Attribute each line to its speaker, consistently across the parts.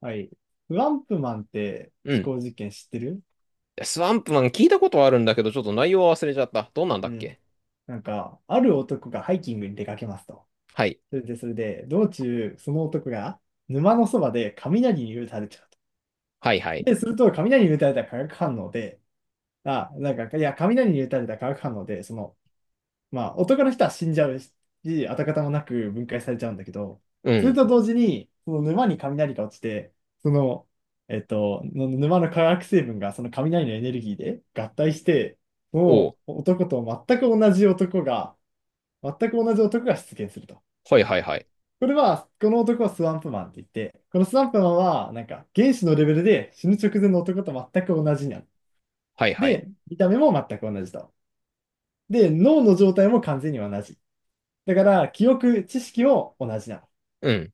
Speaker 1: はい。フアンプマンって
Speaker 2: うん。
Speaker 1: 思考実験知ってる？
Speaker 2: スワンプマン聞いたことはあるんだけど、ちょっと内容は忘れちゃった。どんなんだ
Speaker 1: う
Speaker 2: っ
Speaker 1: ん。
Speaker 2: け。
Speaker 1: ある男がハイキングに出かけますと。
Speaker 2: はい。
Speaker 1: それで、道中、その男が沼のそばで雷に打たれちゃうと。
Speaker 2: はいはい。
Speaker 1: で、すると、雷に打たれた化学反応で、雷に打たれた化学反応で、まあ、男の人は死んじゃうし、跡形もなく分解されちゃうんだけど、
Speaker 2: う
Speaker 1: それ
Speaker 2: ん。
Speaker 1: と同時に、その沼に雷が落ちて、その、の沼の化学成分がその雷のエネルギーで合体して、
Speaker 2: お
Speaker 1: も
Speaker 2: う。
Speaker 1: う男と全く同じ男が、全く同じ男が出現すると。
Speaker 2: はいはいはい。
Speaker 1: これは、この男はスワンプマンって言って、このスワンプマンは、なんか、原子のレベルで死ぬ直前の男と全く同じになる。
Speaker 2: はいはい。
Speaker 1: で、見た目も全く同じと。で、脳の状態も完全に同じ。だから、記憶、知識も同じなの。
Speaker 2: うん。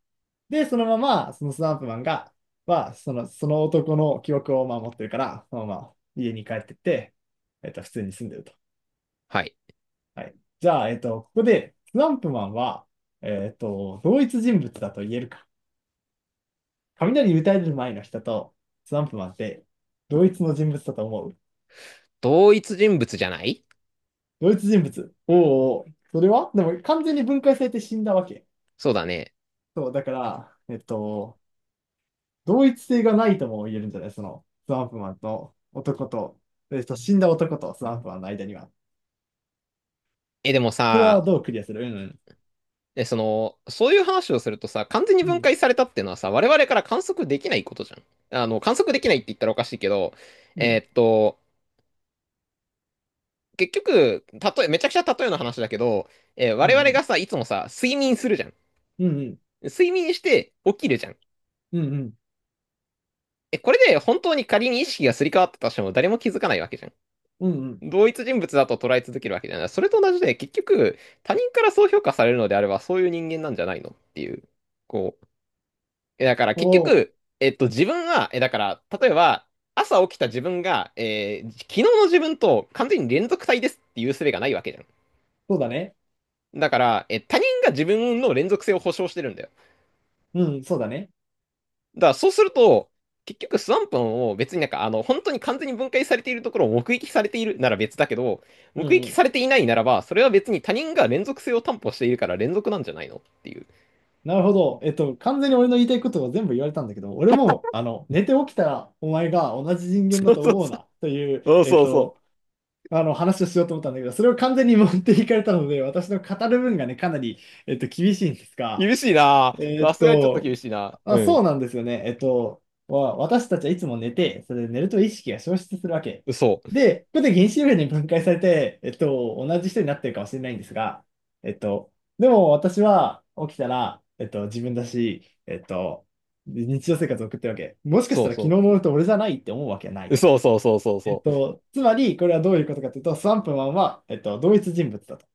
Speaker 1: で、そのまま、そのスナンプマンが、は、その男の記憶をまあ持ってるから、そのまま家に帰ってって、普通に住んでると。
Speaker 2: はい。
Speaker 1: はい。じゃあ、ここで、スナンプマンは、同一人物だと言えるか。雷打たれる前の人と、スナンプマンって、同一の人物だと思う？
Speaker 2: 同一人物じゃない。
Speaker 1: 同一人物。おー。おー、それはでも、完全に分解されて死んだわけ。
Speaker 2: そうだね。
Speaker 1: そう、だから、同一性がないとも言えるんじゃない？その、スワンプマンと男と、死んだ男とスワンプマンの間には。
Speaker 2: え、でも
Speaker 1: それ
Speaker 2: さ、
Speaker 1: はどうクリアする？うん。
Speaker 2: え、その、そういう話をするとさ、完全に
Speaker 1: う
Speaker 2: 分
Speaker 1: ん。
Speaker 2: 解されたっていうのはさ、我々から観測できないことじゃん。観測できないって言ったらおかしいけど、
Speaker 1: うん。う
Speaker 2: え
Speaker 1: ん。
Speaker 2: ーっと、結局、たとえ、めちゃくちゃ例えの話だけど、
Speaker 1: うん。
Speaker 2: 我
Speaker 1: う
Speaker 2: 々
Speaker 1: ん。
Speaker 2: がさ、いつもさ、睡眠するじゃん。
Speaker 1: うんうん。
Speaker 2: 睡眠して起きるじゃん。
Speaker 1: うんうん。
Speaker 2: え、これで本当に仮に意識がすり替わったとしても誰も気づかないわけじゃん。同一人物だと捉え続けるわけじゃない。それと同じで、結局、他人からそう評価されるのであれば、そういう人間なんじゃないのっていう。こう。え、だから
Speaker 1: お
Speaker 2: 結
Speaker 1: お、
Speaker 2: 局、自分は、え、だから、例えば、朝起きた自分が、昨日の自分と完全に連続体ですっていう術がないわけじゃん。
Speaker 1: そうだね。
Speaker 2: だから、え、他人が自分の連続性を保証してるんだよ。
Speaker 1: うん、うん、そうだね。
Speaker 2: だからそうすると、結局スワンプも別に本当に完全に分解されているところを目撃されているなら別だけど、
Speaker 1: う
Speaker 2: 目
Speaker 1: んう
Speaker 2: 撃
Speaker 1: ん。
Speaker 2: されていないならば、それは別に他人が連続性を担保しているから連続なんじゃないのっていう。
Speaker 1: なるほど。えっと、完全に俺の言いたいことを全部言われたんだけど、俺も、あの、寝て起きたらお前が同じ人間
Speaker 2: そ
Speaker 1: だ
Speaker 2: う
Speaker 1: と
Speaker 2: そう
Speaker 1: 思う
Speaker 2: そう。
Speaker 1: な、という、
Speaker 2: そうそうそう。
Speaker 1: あの、話をしようと思ったんだけど、それを完全に持っていかれたので、私の語る分がね、かなり、厳しいんですが、
Speaker 2: 厳しいな
Speaker 1: え
Speaker 2: ぁ、
Speaker 1: ーっ
Speaker 2: さすがにちょっと
Speaker 1: と、
Speaker 2: 厳しいな
Speaker 1: あ、そう
Speaker 2: ぁ。
Speaker 1: なんですよね。えっと、私たちはいつも寝て、それで寝ると意識が消失するわけ。
Speaker 2: うん。そう。
Speaker 1: で、ここで原子力に分解されて、えっと、同じ人になってるかもしれないんですが、えっと、でも私は起きたら、自分だし、日常生活を送ってるわけ。もしかし
Speaker 2: そ
Speaker 1: た
Speaker 2: う
Speaker 1: ら昨日
Speaker 2: そ
Speaker 1: の俺と俺じゃないって思うわけはな
Speaker 2: う。
Speaker 1: い。
Speaker 2: そうそうそうそう
Speaker 1: えっ
Speaker 2: そう。
Speaker 1: と、つまり、これはどういうことかというと、スワンプマンは、同一人物だと。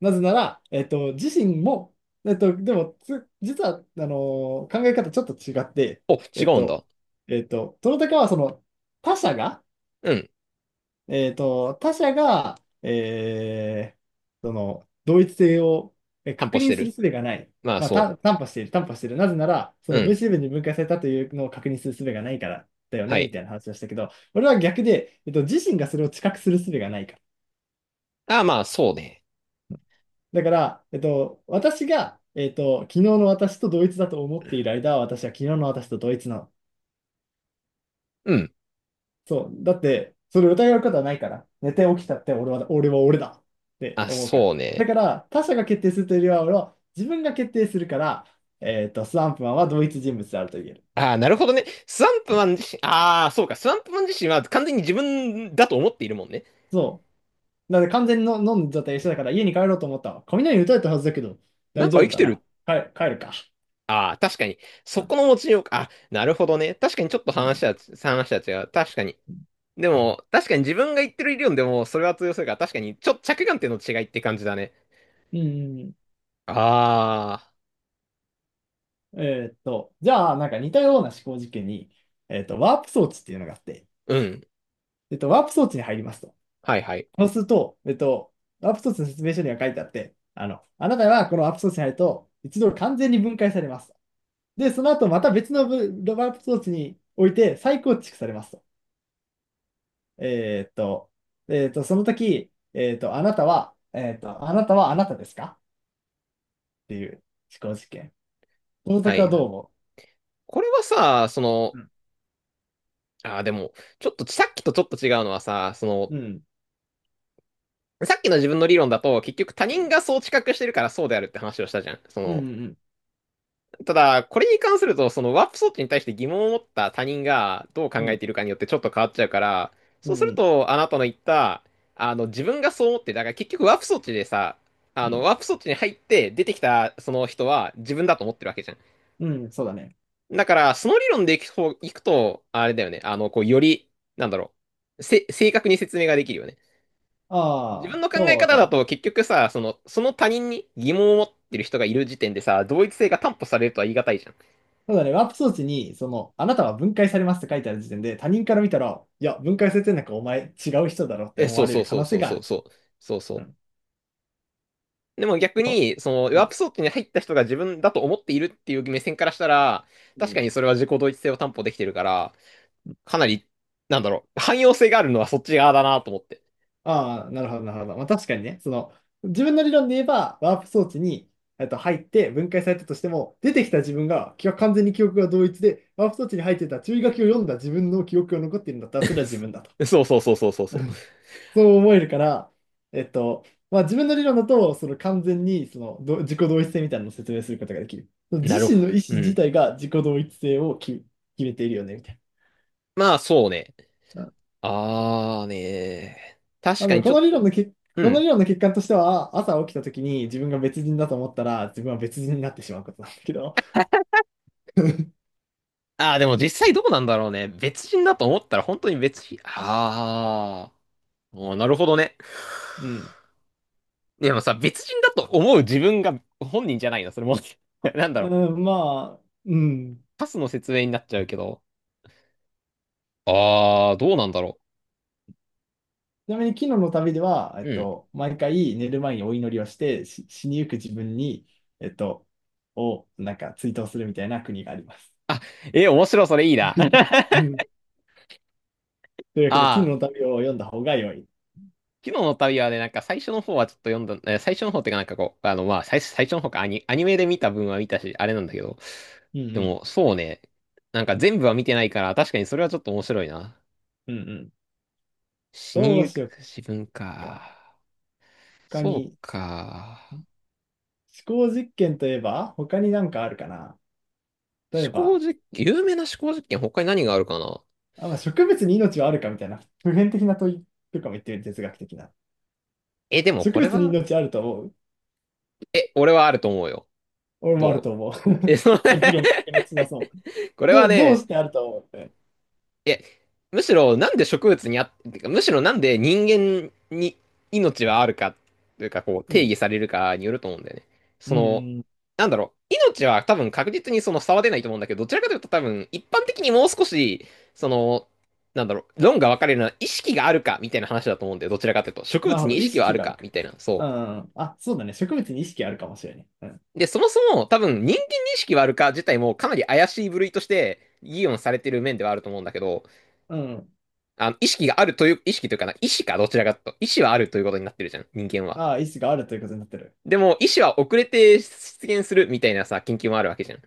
Speaker 1: なぜなら、自身も、えっと、でも、つ、実は、あのー考え方ちょっと違って、
Speaker 2: お、違
Speaker 1: えっ
Speaker 2: うん
Speaker 1: と、
Speaker 2: だ。
Speaker 1: トロタカはその、他者が、
Speaker 2: うん。
Speaker 1: 他者が、えーその、同一性を
Speaker 2: 担保
Speaker 1: 確
Speaker 2: し
Speaker 1: 認
Speaker 2: て
Speaker 1: する
Speaker 2: る。
Speaker 1: 術がない。
Speaker 2: まあ
Speaker 1: まあ、
Speaker 2: そ
Speaker 1: 担保している。なぜなら、そ
Speaker 2: う。う
Speaker 1: の分
Speaker 2: ん。
Speaker 1: 子部に分解されたというのを確認する術がないからだよ
Speaker 2: は
Speaker 1: ね、み
Speaker 2: い。
Speaker 1: たいな話をしたけど、俺は逆で、えっと、自身がそれを知覚する術がないから、
Speaker 2: ああ、まあそうね。
Speaker 1: だから、えっと、私が、昨日の私と同一だと思っている間は、私は昨日の私と同一なの。
Speaker 2: うん。
Speaker 1: そう。だって、それを疑うことはないから。寝て起きたって俺は、俺は俺だって
Speaker 2: あ、
Speaker 1: 思うか
Speaker 2: そう
Speaker 1: ら。だ
Speaker 2: ね。
Speaker 1: から、他者が決定するというよりは、俺は自分が決定するから、スワンプマンは同一人物であると言える。
Speaker 2: ああ、なるほどね。スワンプマン自身、ああ、そうか。スワンプマン自身は完全に自分だと思っているもんね。
Speaker 1: そう。だって完全にの飲んじゃった一緒だから、家に帰ろうと思ったわ。雷打たれたはずだけど、
Speaker 2: な
Speaker 1: 大
Speaker 2: んか
Speaker 1: 丈
Speaker 2: 生
Speaker 1: 夫
Speaker 2: き
Speaker 1: だ
Speaker 2: て
Speaker 1: な。
Speaker 2: る。
Speaker 1: 帰るか。
Speaker 2: ああ、確かに。そ
Speaker 1: うん。
Speaker 2: この持ちようか。あ、なるほどね。確かにちょっと
Speaker 1: う
Speaker 2: 話
Speaker 1: ん。
Speaker 2: は、話は違う。確かに。でも、確かに自分が言ってる理論でもそれは通用するから、確かに、ちょ、着眼点の違いって感じだね。
Speaker 1: うん。うん。
Speaker 2: ああ、
Speaker 1: じゃあ、なんか似たような思考実験に、ワープ装置っていうのがあって、
Speaker 2: うん。
Speaker 1: ワープ装置に入りますと。
Speaker 2: はいはい。
Speaker 1: そうすると、ワープ装置の説明書には書いてあって、あの、あなたはこのワープ装置に入ると、一度完全に分解されます。で、その後また別のワープ装置において再構築されますと。えーっと、その時、あなたは、あなたはあなたですか、っていう思考実験。この
Speaker 2: は
Speaker 1: 時は
Speaker 2: い。
Speaker 1: どう思
Speaker 2: これはさ、その、
Speaker 1: う？うん。
Speaker 2: ああ、でも、ちょっとさっきとちょっと違うのはさ、その、
Speaker 1: うん。
Speaker 2: さっきの自分の理論だと、結局他
Speaker 1: う
Speaker 2: 人
Speaker 1: ん。
Speaker 2: がそう知覚してるからそうであるって話をしたじゃん。そ
Speaker 1: う
Speaker 2: の、
Speaker 1: ん。
Speaker 2: ただ、これに関すると、そのワープ装置に対して疑問を持った他人がどう考
Speaker 1: う
Speaker 2: え
Speaker 1: ん。
Speaker 2: ているかによってちょっと変わっちゃうから、
Speaker 1: う
Speaker 2: そ
Speaker 1: ん。
Speaker 2: う
Speaker 1: う
Speaker 2: す
Speaker 1: ん。
Speaker 2: る
Speaker 1: うん。
Speaker 2: と、あなたの言った、自分がそう思って、だから結局ワープ装置でさ、
Speaker 1: うん。
Speaker 2: ワープ装置に入って出てきたその人は自分だと思ってるわけじゃん。
Speaker 1: うん、そうだね。
Speaker 2: だから、その理論でいくと、あれだよね、あの、こう、より、なんだろう、せ、正確に説明ができるよね。自
Speaker 1: あ
Speaker 2: 分
Speaker 1: あ、
Speaker 2: の考え
Speaker 1: そう
Speaker 2: 方だ
Speaker 1: だ。
Speaker 2: と結局さ、その、その他人に疑問を持ってる人がいる時点でさ、同一性が担保されるとは言い難いじゃん。
Speaker 1: そうだね。ワープ装置に、その、あなたは分解されますって書いてある時点で、他人から見たら、いや、分解されてんなんかお前違う人だろって
Speaker 2: え、
Speaker 1: 思
Speaker 2: そう
Speaker 1: われ
Speaker 2: そう
Speaker 1: る可
Speaker 2: そう
Speaker 1: 能性
Speaker 2: そう
Speaker 1: が
Speaker 2: そ
Speaker 1: あ
Speaker 2: う
Speaker 1: る。
Speaker 2: そう。そう
Speaker 1: う
Speaker 2: そ
Speaker 1: ん。
Speaker 2: う。でも逆
Speaker 1: そ
Speaker 2: に、その、
Speaker 1: う、う
Speaker 2: ワー
Speaker 1: ん。
Speaker 2: プ装置に入った人が自分だと思っているっていう目線からしたら、
Speaker 1: う
Speaker 2: 確か
Speaker 1: ん、
Speaker 2: にそれは自己同一性を担保できてるから、かなり、なんだろう、汎用性があるのはそっち側だなと思って。
Speaker 1: ああ、なるほど、なるほど。まあ確かにね、その、自分の理論で言えば、ワープ装置に、入って分解されたとしても、出てきた自分が、完全に記憶が同一で、ワープ装置に入ってた注意書きを読んだ自分の記憶が残っているんだったら、それは自分だと。
Speaker 2: そうそうそうそうそうそ
Speaker 1: そう思えるから、えっと、まあ自分の理論だと、その完全にそのど自己同一性みたいなのを説明することができる。その
Speaker 2: う。なるほ
Speaker 1: 自身の意思
Speaker 2: ど。う
Speaker 1: 自
Speaker 2: ん。
Speaker 1: 体が自己同一性を決めているよね、みたい
Speaker 2: まあそうね。
Speaker 1: な。うん。
Speaker 2: あーねー。
Speaker 1: あ
Speaker 2: 確か
Speaker 1: の、
Speaker 2: に
Speaker 1: こ
Speaker 2: ちょ
Speaker 1: の
Speaker 2: っ
Speaker 1: 理論
Speaker 2: と。
Speaker 1: のけ、
Speaker 2: う
Speaker 1: この
Speaker 2: ん。
Speaker 1: 理論の欠陥としては、朝起きた時に自分が別人だと思ったら、自分は別人になってしまうことなんだけど、
Speaker 2: あーでも実際どうなんだろうね。別人だと思ったら本当に別人。あー。おーなるほどね。
Speaker 1: うん。
Speaker 2: でもさ、別人だと思う自分が本人じゃないな、それも。なんだろ
Speaker 1: う
Speaker 2: う。
Speaker 1: ん、まあ、うん。
Speaker 2: パスの説明になっちゃうけど。ああ、どうなんだろ
Speaker 1: ちなみに昨日の旅では、
Speaker 2: う。うん。
Speaker 1: 毎回寝る前にお祈りをして、死にゆく自分に、えっと、をなんか追悼するみたいな国があります。
Speaker 2: あ、えー、面白い、それいいな。
Speaker 1: うん。というわけで、絹
Speaker 2: ああ、
Speaker 1: の旅を読んだ方が良い。
Speaker 2: 昨日の旅はね、なんか最初の方はちょっと読んだ、最初の方っていうかなんかこう、あの、まあ、最初、最初の方か、アニ、アニメで見た分は見たし、あれなんだけど。
Speaker 1: うん。
Speaker 2: で
Speaker 1: うん。
Speaker 2: も、そうね。なんか全部は見てないから、確かにそれはちょっと面白いな。
Speaker 1: うん。うん。
Speaker 2: 死に
Speaker 1: どう
Speaker 2: ゆ
Speaker 1: し
Speaker 2: く
Speaker 1: よっ
Speaker 2: 自分
Speaker 1: か。
Speaker 2: か。
Speaker 1: 他
Speaker 2: そう
Speaker 1: に、
Speaker 2: か。
Speaker 1: 思考実験といえば、他になんかあるかな。例え
Speaker 2: 思考
Speaker 1: ば、
Speaker 2: 実験、有名な思考実験、他に何があるかな。
Speaker 1: あ、まあ、植物に命はあるかみたいな、普遍的な問いとかも言ってる哲学的な。
Speaker 2: え、でも
Speaker 1: 植
Speaker 2: これ
Speaker 1: 物に
Speaker 2: は、
Speaker 1: 命あると思う？
Speaker 2: え、俺はあると思うよ。
Speaker 1: 俺もある
Speaker 2: どう、
Speaker 1: と思う。
Speaker 2: え、その。
Speaker 1: 議論白熱 しなそう。
Speaker 2: これは
Speaker 1: どう
Speaker 2: ね、
Speaker 1: してあると思うって？
Speaker 2: え、むしろなんで植物にあ、てかむしろなんで人間に命はあるか、というかこう
Speaker 1: う
Speaker 2: 定
Speaker 1: ん。
Speaker 2: 義されるかによると思うんだよね。
Speaker 1: う
Speaker 2: その、
Speaker 1: ん、うん、
Speaker 2: なんだろう、命は多分確実にその差は出ないと思うんだけど、どちらかというと多分一般的にもう少し、その、なんだろう、論が分かれるのは意識があるかみたいな話だと思うんだよ。どちらかというと。植
Speaker 1: なる
Speaker 2: 物
Speaker 1: ほ
Speaker 2: に
Speaker 1: ど。
Speaker 2: 意
Speaker 1: 意
Speaker 2: 識はあ
Speaker 1: 識
Speaker 2: る
Speaker 1: がある
Speaker 2: か
Speaker 1: か。
Speaker 2: みたいな。
Speaker 1: う
Speaker 2: そう。
Speaker 1: ん。あ、そうだね。植物に意識あるかもしれない。うん。
Speaker 2: で、そもそも多分人間認識はあるか自体もかなり怪しい部類として議論されてる面ではあると思うんだけど、
Speaker 1: うん。
Speaker 2: あの意識があるという、意識というかな、意思かどちらかと、意思はあるということになってるじゃん、人間は。
Speaker 1: ああ、意識があるということになってる。
Speaker 2: でも、意思は遅れて出現するみたいなさ、研究もあるわけじゃん。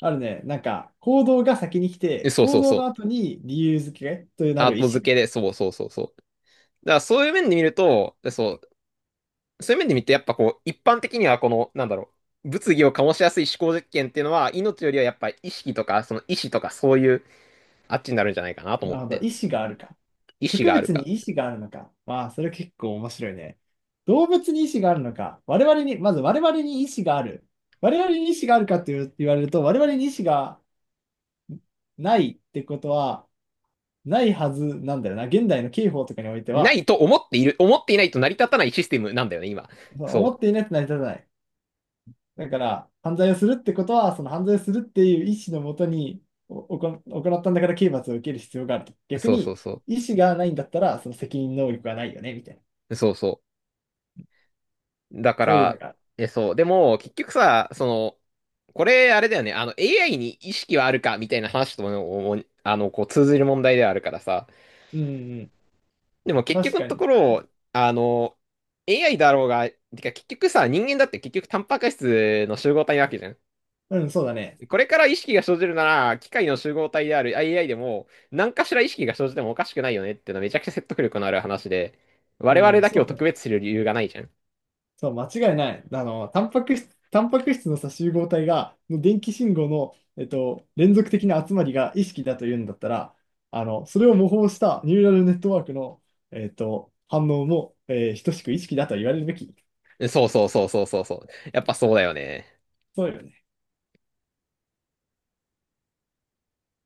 Speaker 1: あるね。なんか、行動が先に来
Speaker 2: で
Speaker 1: て、
Speaker 2: そう
Speaker 1: 行
Speaker 2: そう
Speaker 1: 動
Speaker 2: そ
Speaker 1: の
Speaker 2: う。
Speaker 1: 後に理由付けとな
Speaker 2: アー
Speaker 1: る意
Speaker 2: ト
Speaker 1: 思
Speaker 2: 付け
Speaker 1: が。
Speaker 2: で、そうそうそうそう。だからそういう面で見ると、そう、そういう面で見てやっぱこう、一般的にはこの、なんだろう、物議を醸しやすい思考実験っていうのは、命よりはやっぱ意識とか、その意思とかそういう、あっちになるんじゃないかなと
Speaker 1: な
Speaker 2: 思っ
Speaker 1: るほど。
Speaker 2: て。
Speaker 1: 意思があるか。
Speaker 2: 意思
Speaker 1: 植
Speaker 2: がある
Speaker 1: 物
Speaker 2: か。
Speaker 1: に意思があるのか。まあ、それ結構面白いね。動物に意思があるのか。我々に、まず我々に意思がある。我々に意思があるかって言う言われると、我々に意思がないってことは、ないはずなんだよな。現代の刑法とかにおいて
Speaker 2: な
Speaker 1: は、
Speaker 2: いと思っている、思っていないと成り立たないシステムなんだよね、今。そ
Speaker 1: 思っていないと成り立たない。だから、犯罪をするってことは、その犯罪をするっていう意思のもとにおおこ行ったんだから刑罰を受ける必要があると。
Speaker 2: う。
Speaker 1: 逆
Speaker 2: そうそう
Speaker 1: に、
Speaker 2: そ
Speaker 1: 意思がないんだったら、その責任能力はないよね、みたいな。
Speaker 2: う。そうそう。だか
Speaker 1: そういうの
Speaker 2: ら、
Speaker 1: が。
Speaker 2: え、そう。でも、結局さ、その、これ、あれだよね、AI に意識はあるか、みたいな話とも、お、あの、こう、通ずる問題ではあるからさ。
Speaker 1: うん。うん。
Speaker 2: でも、結局
Speaker 1: 確
Speaker 2: の
Speaker 1: か
Speaker 2: と
Speaker 1: に。
Speaker 2: ころ、AI だろうが、てか、結局さ、人間だって結局、タンパク質の集合体なわけじゃん。
Speaker 1: うん、そうだね。
Speaker 2: これから意識が生じるなら、機械の集合体である AI でも、何かしら意識が生じてもおかしくないよねっていうのはめちゃくちゃ説得力のある話で、
Speaker 1: う
Speaker 2: 我々
Speaker 1: ん、
Speaker 2: だけ
Speaker 1: そ
Speaker 2: を
Speaker 1: うだ
Speaker 2: 特
Speaker 1: よ。
Speaker 2: 別視する理由がないじゃん。
Speaker 1: そう、間違いない。あの、タンパク質のさ、集合体が、の電気信号の、連続的な集まりが意識だというんだったら、あの、それを模倣したニューラルネットワークの、反応も、えー等しく意識だと言われるべき。
Speaker 2: そうそうそうそうそうそう。やっぱそうだよね。
Speaker 1: そうよね